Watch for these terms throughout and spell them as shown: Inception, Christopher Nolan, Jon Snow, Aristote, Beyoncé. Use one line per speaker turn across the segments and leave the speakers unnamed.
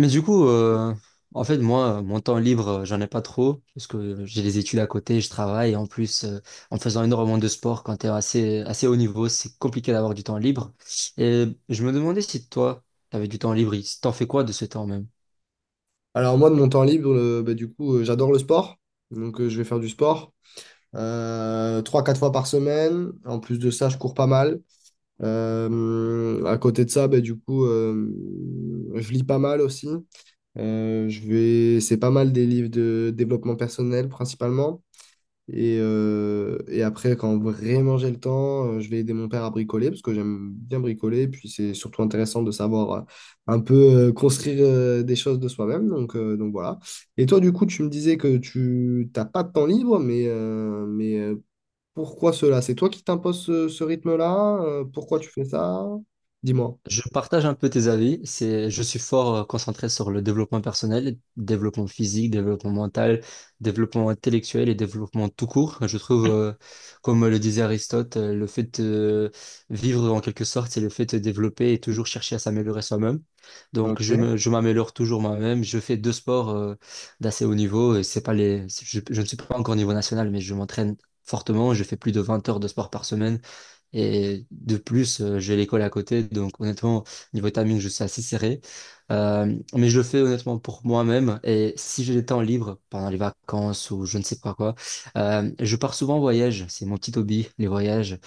Mais du coup, euh, Moi, mon temps libre, j'en ai pas trop, parce que j'ai des études à côté, je travaille, et en plus, en faisant énormément de sport, quand t'es assez haut niveau, c'est compliqué d'avoir du temps libre. Et je me demandais si toi, t'avais du temps libre, t'en fais quoi de ce temps même?
Alors moi, de mon temps libre, bah, du coup, j'adore le sport. Donc je vais faire du sport 3-4 fois par semaine. En plus de ça, je cours pas mal. À côté de ça, bah, du coup, je lis pas mal aussi. C'est pas mal des livres de développement personnel principalement. Et après, quand vraiment j'ai le temps, je vais aider mon père à bricoler parce que j'aime bien bricoler. Et puis c'est surtout intéressant de savoir un peu construire des choses de soi-même. Donc voilà. Et toi, du coup, tu me disais que tu t'as pas de temps libre, mais pourquoi cela? C'est toi qui t'imposes ce rythme-là? Pourquoi tu fais ça? Dis-moi.
Je partage un peu tes avis. C'est, je suis fort concentré sur le développement personnel, développement physique, développement mental, développement intellectuel et développement tout court. Je trouve, comme le disait Aristote, le fait de vivre en quelque sorte, c'est le fait de développer et toujours chercher à s'améliorer soi-même. Donc,
Ok.
je m'améliore toujours moi-même. Je fais deux sports, d'assez haut niveau. Et c'est pas les, je ne suis pas encore au niveau national, mais je m'entraîne fortement. Je fais plus de 20 heures de sport par semaine. Et de plus, j'ai l'école à côté, donc honnêtement, niveau timing, je suis assez serré. Mais je le fais honnêtement pour moi-même. Et si j'ai des temps libres pendant les vacances ou je ne sais pas quoi, je pars souvent en voyage. C'est mon petit hobby, les voyages.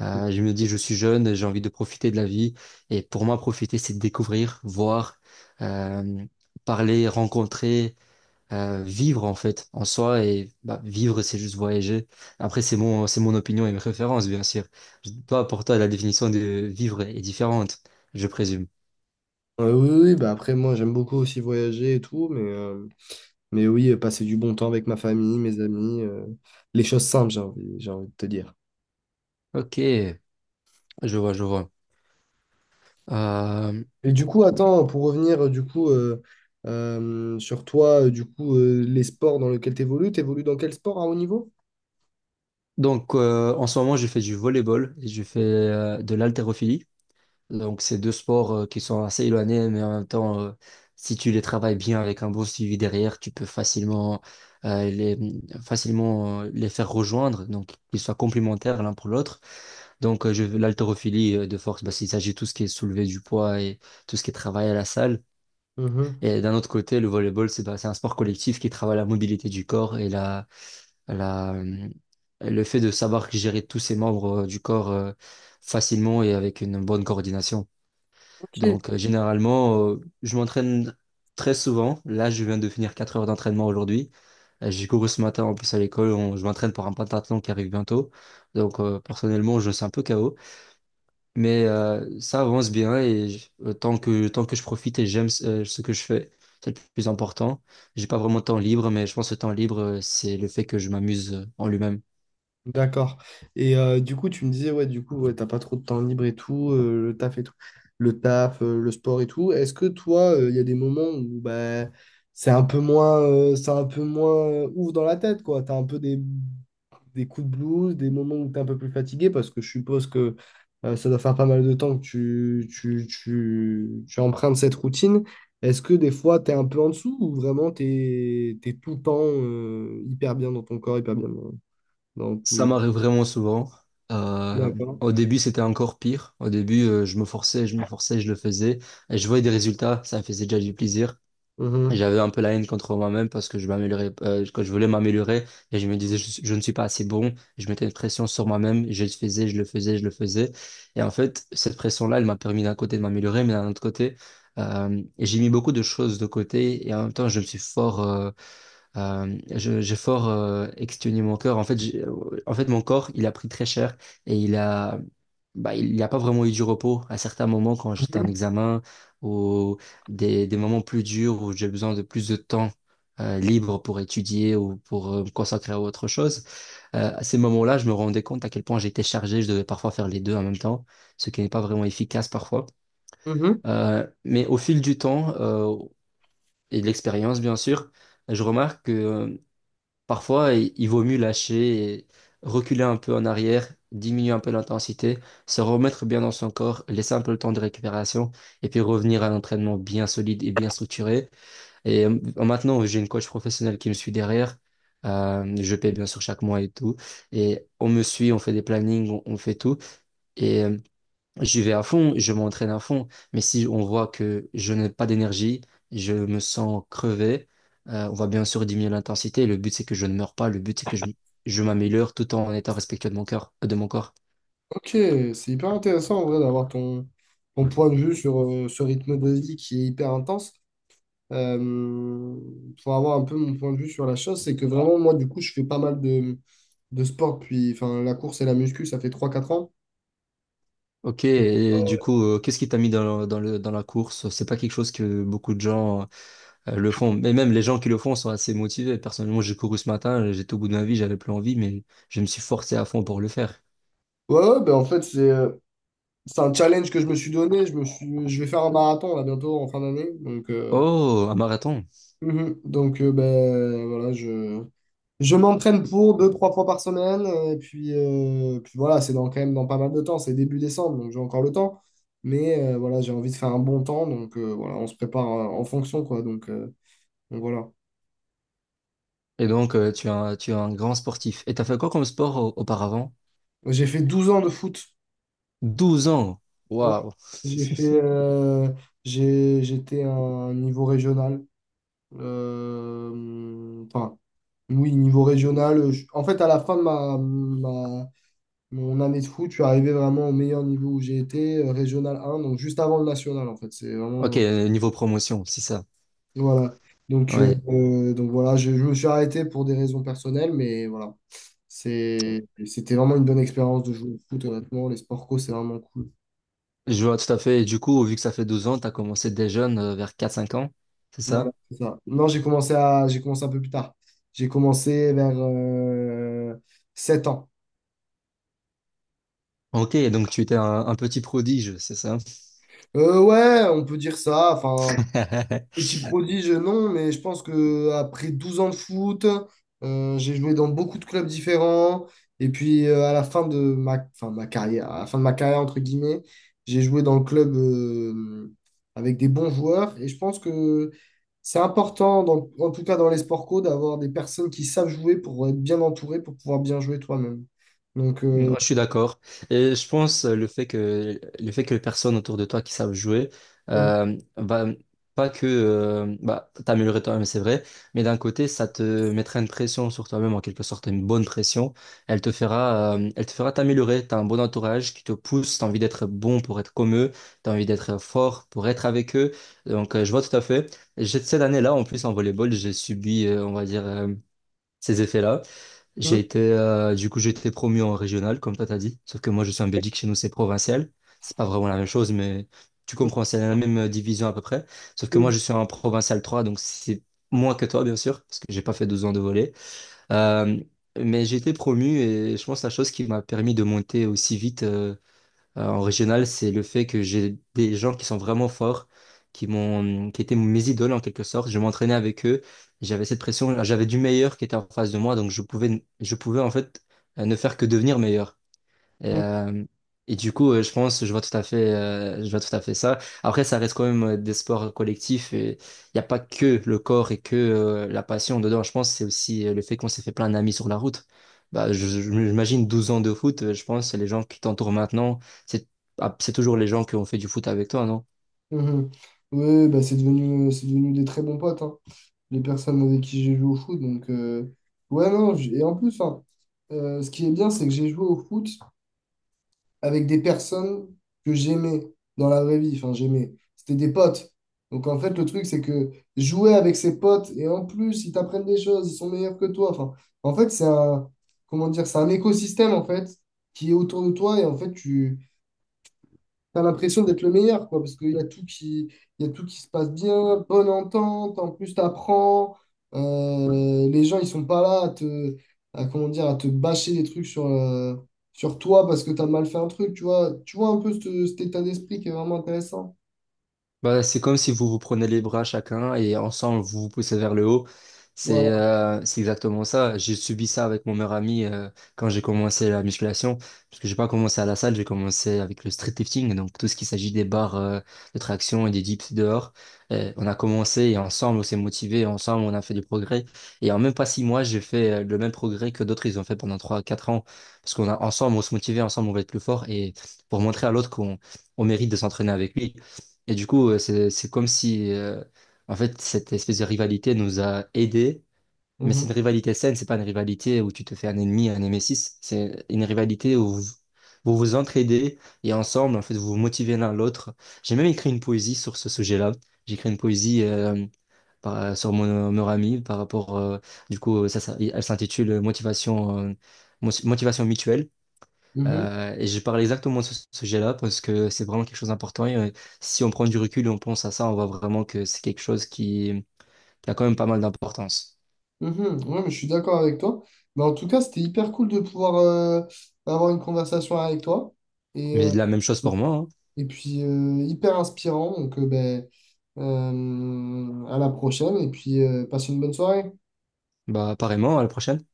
Je me dis, je suis jeune, j'ai envie de profiter de la vie. Et pour moi, profiter, c'est découvrir, voir, euh, parler, rencontrer, vivre en fait en soi et bah, vivre c'est juste voyager. Après c'est mon opinion et mes références bien sûr. Toi, pour toi la définition de vivre est différente, je présume.
Oui, oui, bah après, moi, j'aime beaucoup aussi voyager et tout. Mais oui, passer du bon temps avec ma famille, mes amis, les choses simples, j'ai envie de te dire.
Ok, je vois, je vois. Euh,
Et du coup, attends, pour revenir du coup sur toi, du coup, les sports dans lesquels tu évolues, tu dans quel sport à haut niveau?
En ce moment je fais du volleyball et je fais de l'haltérophilie. Donc c'est deux sports qui sont assez éloignés mais en même temps si tu les travailles bien avec un bon suivi derrière tu peux euh, les facilement les faire rejoindre donc qu'ils soient complémentaires l'un pour l'autre. Donc, l'haltérophilie de force, bah, il s'agit de tout ce qui est soulevé du poids et tout ce qui est travail à la salle.
Mhm.
Et d'un autre côté, le volleyball, c'est un sport collectif qui travaille la mobilité du corps et la, euh, le fait de savoir gérer tous ses membres du corps facilement et avec une bonne coordination.
Je-
Donc, généralement, je m'entraîne très souvent. Là, je viens de finir 4 heures d'entraînement aujourd'hui. J'ai couru ce matin en plus à l'école. Je m'entraîne pour un pentathlon qui arrive bientôt. Donc, personnellement, je suis un peu KO. Mais ça avance bien et tant tant que je profite et j'aime ce que je fais, c'est le plus important. J'ai pas vraiment de temps libre, mais je pense que le temps libre, c'est le fait que je m'amuse en lui-même.
D'accord. Et du coup, tu me disais, ouais, du coup, ouais, t'as pas trop de temps libre et tout, le taf, le sport et tout. Est-ce que toi, il y a des moments où bah, c'est un peu moins, c'est un peu moins ouf dans la tête, quoi. T'as un peu des coups de blues, des moments où tu es un peu plus fatigué, parce que je suppose que ça doit faire pas mal de temps que tu empruntes cette routine. Est-ce que des fois, tu es un peu en dessous ou vraiment tu es, tout le temps hyper bien dans ton corps, hyper bien dans
Ça
tout?
m'arrive vraiment souvent. Euh,
D'accord.
Au début, c'était encore pire. Au début, je me forçais, je le faisais. Et je voyais des résultats, ça me faisait déjà du plaisir.
Mhm.
J'avais un peu la haine contre moi-même parce que je m'améliorais, que je voulais m'améliorer et je me disais je ne suis pas assez bon. Je mettais une pression sur moi-même, je le faisais. Et en fait, cette pression-là, elle m'a permis d'un côté de m'améliorer, mais d'un autre côté, j'ai mis beaucoup de choses de côté et en même temps, je me suis fort, je- j'ai fort exténué mon corps. En fait, mon corps, il a pris très cher et bah, il n'y a pas vraiment eu du repos à certains moments quand j'étais en
Mhm.
examen ou des moments plus durs où j'ai besoin de plus de temps libre pour étudier ou pour me consacrer à autre chose. À ces moments-là, je me rendais compte à quel point j'étais chargé. Je devais parfois faire les deux en même temps, ce qui n'est pas vraiment efficace parfois.
Mhm.
Mais au fil du temps et de l'expérience, bien sûr, je remarque que parfois, il vaut mieux lâcher et reculer un peu en arrière, diminuer un peu l'intensité, se remettre bien dans son corps, laisser un peu le temps de récupération et puis revenir à l'entraînement bien solide et bien structuré. Maintenant, j'ai une coach professionnelle qui me suit derrière. Je paie bien sûr chaque mois et tout. Et on me suit, on fait des plannings, on fait tout. Et euh, J'y vais à fond, je m'entraîne à fond, mais si on voit que je n'ai pas d'énergie, je me sens crevé, on va bien sûr diminuer l'intensité. Le but, c'est que je ne meure pas, le but, je m'améliore tout en étant respectueux de mon cœur, de mon corps.
Ok, c'est hyper intéressant en vrai d'avoir ton point de vue sur ce rythme de vie qui est hyper intense. Euh, pour avoir un peu mon point de vue sur la chose, c'est que vraiment, moi, du coup, je fais pas mal de sport. Puis, enfin, la course et la muscu, ça fait 3-4 ans.
Ok, et du coup, qu'est-ce qui t'a mis dans la course? C'est pas quelque chose que beaucoup de gens le font, mais même les gens qui le font sont assez motivés. Personnellement, j'ai couru ce matin, j'étais au bout de ma vie, j'avais plus envie, mais je me suis forcé à fond pour le faire.
Ouais, ouais, ben en fait, c'est un challenge que je me suis donné. Je vais faire un marathon là bientôt en fin d'année. Donc,
Oh, un marathon!
mhm. Donc ben, voilà, je m'entraîne pour deux, trois fois par semaine. Et puis voilà, c'est dans, quand même dans pas mal de temps. C'est début décembre, donc j'ai encore le temps. Mais voilà, j'ai envie de faire un bon temps. Donc voilà, on se prépare en fonction, quoi. Donc voilà.
Et donc, tu es un grand sportif. Et t'as fait quoi comme sport auparavant?
J'ai fait 12 ans de foot.
12 ans.
Ouais.
Waouh.
J'ai fait, euh, J'étais à un niveau régional. Enfin, oui, niveau régional. En fait, à la fin de mon année de foot, je suis arrivé vraiment au meilleur niveau où j'ai été, régional un donc juste avant le national, en fait. C'est
Ok,
vraiment.
niveau promotion, c'est ça.
Voilà. Donc, euh,
Ouais.
euh, donc voilà, je me suis arrêté pour des raisons personnelles, mais voilà. C'était vraiment une bonne expérience de jouer au foot, honnêtement. Les sports co, c'est vraiment cool.
Je vois tout à fait. Et du coup, vu que ça fait 12 ans, t'as commencé dès jeune, vers quatre cinq ans. C'est
Voilà,
ça?
c'est ça. Non, j'ai commencé un peu plus tard. J'ai commencé vers 7 ans.
Ok, donc tu étais un petit prodige, c'est ça?
Ouais, on peut dire ça. Enfin, petit prodige, non, mais je pense que après 12 ans de foot, j'ai joué dans beaucoup de clubs différents. Et puis à la fin de ma, enfin, ma carrière, à la fin de ma carrière, entre guillemets, j'ai joué dans le club avec des bons joueurs. Et je pense que c'est important, en tout cas dans les sports co, d'avoir des personnes qui savent jouer pour être bien entouré, pour pouvoir bien jouer toi-même. Donc,
Non, je suis d'accord. Et je pense le fait que les personnes autour de toi qui savent jouer,
mhm,
bah, pas que bah, t'améliorer toi-même, c'est vrai, mais d'un côté, ça te mettra une pression sur toi-même, en quelque sorte, une bonne pression. Elle te fera t'améliorer. T'as un bon entourage qui te pousse, t'as envie d'être bon pour être comme eux, t'as envie d'être fort pour être avec eux. Donc, je vois tout à fait. Cette année-là, en plus, en volleyball, j'ai subi, on va dire, ces effets-là.
mhm,
J'ai été, j'ai été promu en régional, comme toi t'as dit. Sauf que moi, je suis en Belgique, chez nous, c'est provincial. C'est pas vraiment la même chose, mais tu comprends, c'est la même division à peu près. Sauf que moi,
mhm,
je suis en provincial 3 donc c'est moins que toi, bien sûr, parce que j'ai pas fait 12 ans de volley. Euh, mais j'ai été promu et je pense que la chose qui m'a permis de monter aussi vite en régional, c'est le fait que j'ai des gens qui sont vraiment forts, qui étaient mes idoles en quelque sorte. Je m'entraînais avec eux, j'avais cette pression, j'avais du meilleur qui était en face de moi, donc je pouvais en fait ne faire que devenir meilleur. Et,
mhm.
euh, je vois tout à fait, je vois tout à fait ça. Après, ça reste quand même des sports collectifs et il n'y a pas que le corps et que la passion dedans. Je pense que c'est aussi le fait qu'on s'est fait plein d'amis sur la route. Bah, j'imagine 12 ans de foot, je pense, les gens qui t'entourent maintenant, c'est c'est toujours les gens qui ont fait du foot avec toi, non?
Mhm. Ouais, bah, c'est devenu des très bons potes, hein. Les personnes avec qui j'ai joué au foot. Donc, ouais, non, et en plus, hein, ce qui est bien, c'est que j'ai joué au foot avec des personnes que j'aimais dans la vraie vie. Enfin, j'aimais. C'était des potes. Donc, en fait, le truc, c'est que jouer avec ses potes, et en plus, ils t'apprennent des choses, ils sont meilleurs que toi. Enfin, en fait, c'est un, comment dire, c'est un écosystème, en fait, qui est autour de toi. Et en fait, t'as l'impression d'être le meilleur, quoi, parce qu'il y a tout qui, il y a tout qui se passe bien, bonne entente, en plus t'apprends, les gens ils sont pas là à te, à, comment dire, à te bâcher des trucs sur toi parce que t'as mal fait un truc, tu vois un peu cet état d'esprit qui est vraiment intéressant.
Bah, c'est comme si vous vous prenez les bras chacun et ensemble vous vous poussez vers le haut.
Voilà.
C'est exactement ça. J'ai subi ça avec mon meilleur ami quand j'ai commencé la musculation. Parce que j'ai pas commencé à la salle, j'ai commencé avec le street lifting. Donc tout ce qui s'agit des barres de traction et des dips dehors. On a commencé et ensemble on s'est motivé, ensemble on a fait du progrès. Et en même pas 6 mois, j'ai fait le même progrès que d'autres ils ont fait pendant trois quatre ans. Parce qu'on a ensemble on se motivait, ensemble on va être plus fort et pour montrer à l'autre qu'on on mérite de s'entraîner avec lui. Et du coup, c'est comme si, en fait, cette espèce de rivalité nous a aidés. Mais
Mhm.
c'est une rivalité saine, c'est pas une rivalité où tu te fais un ennemi, un némésis. C'est une rivalité où vous entraidez et ensemble, en fait, vous vous motivez l'un l'autre. J'ai même écrit une poésie sur ce sujet-là. J'ai écrit une poésie sur mon meilleur ami par rapport, elle s'intitule Motivation, Motivation mutuelle.
Mhm.
Et je parle exactement de ce sujet-là parce que c'est vraiment quelque chose d'important. Et, si on prend du recul et on pense à ça, on voit vraiment que c'est quelque chose qui a quand même pas mal d'importance.
Mhm. Ouais, mais je suis d'accord avec toi. Mais en tout cas, c'était hyper cool de pouvoir avoir une conversation avec toi. Et,
Mais
euh,
de la même chose pour moi, hein.
Et puis, hyper inspirant. Donc, ben, à la prochaine. Et puis, passe une bonne soirée.
Bah, apparemment, à la prochaine.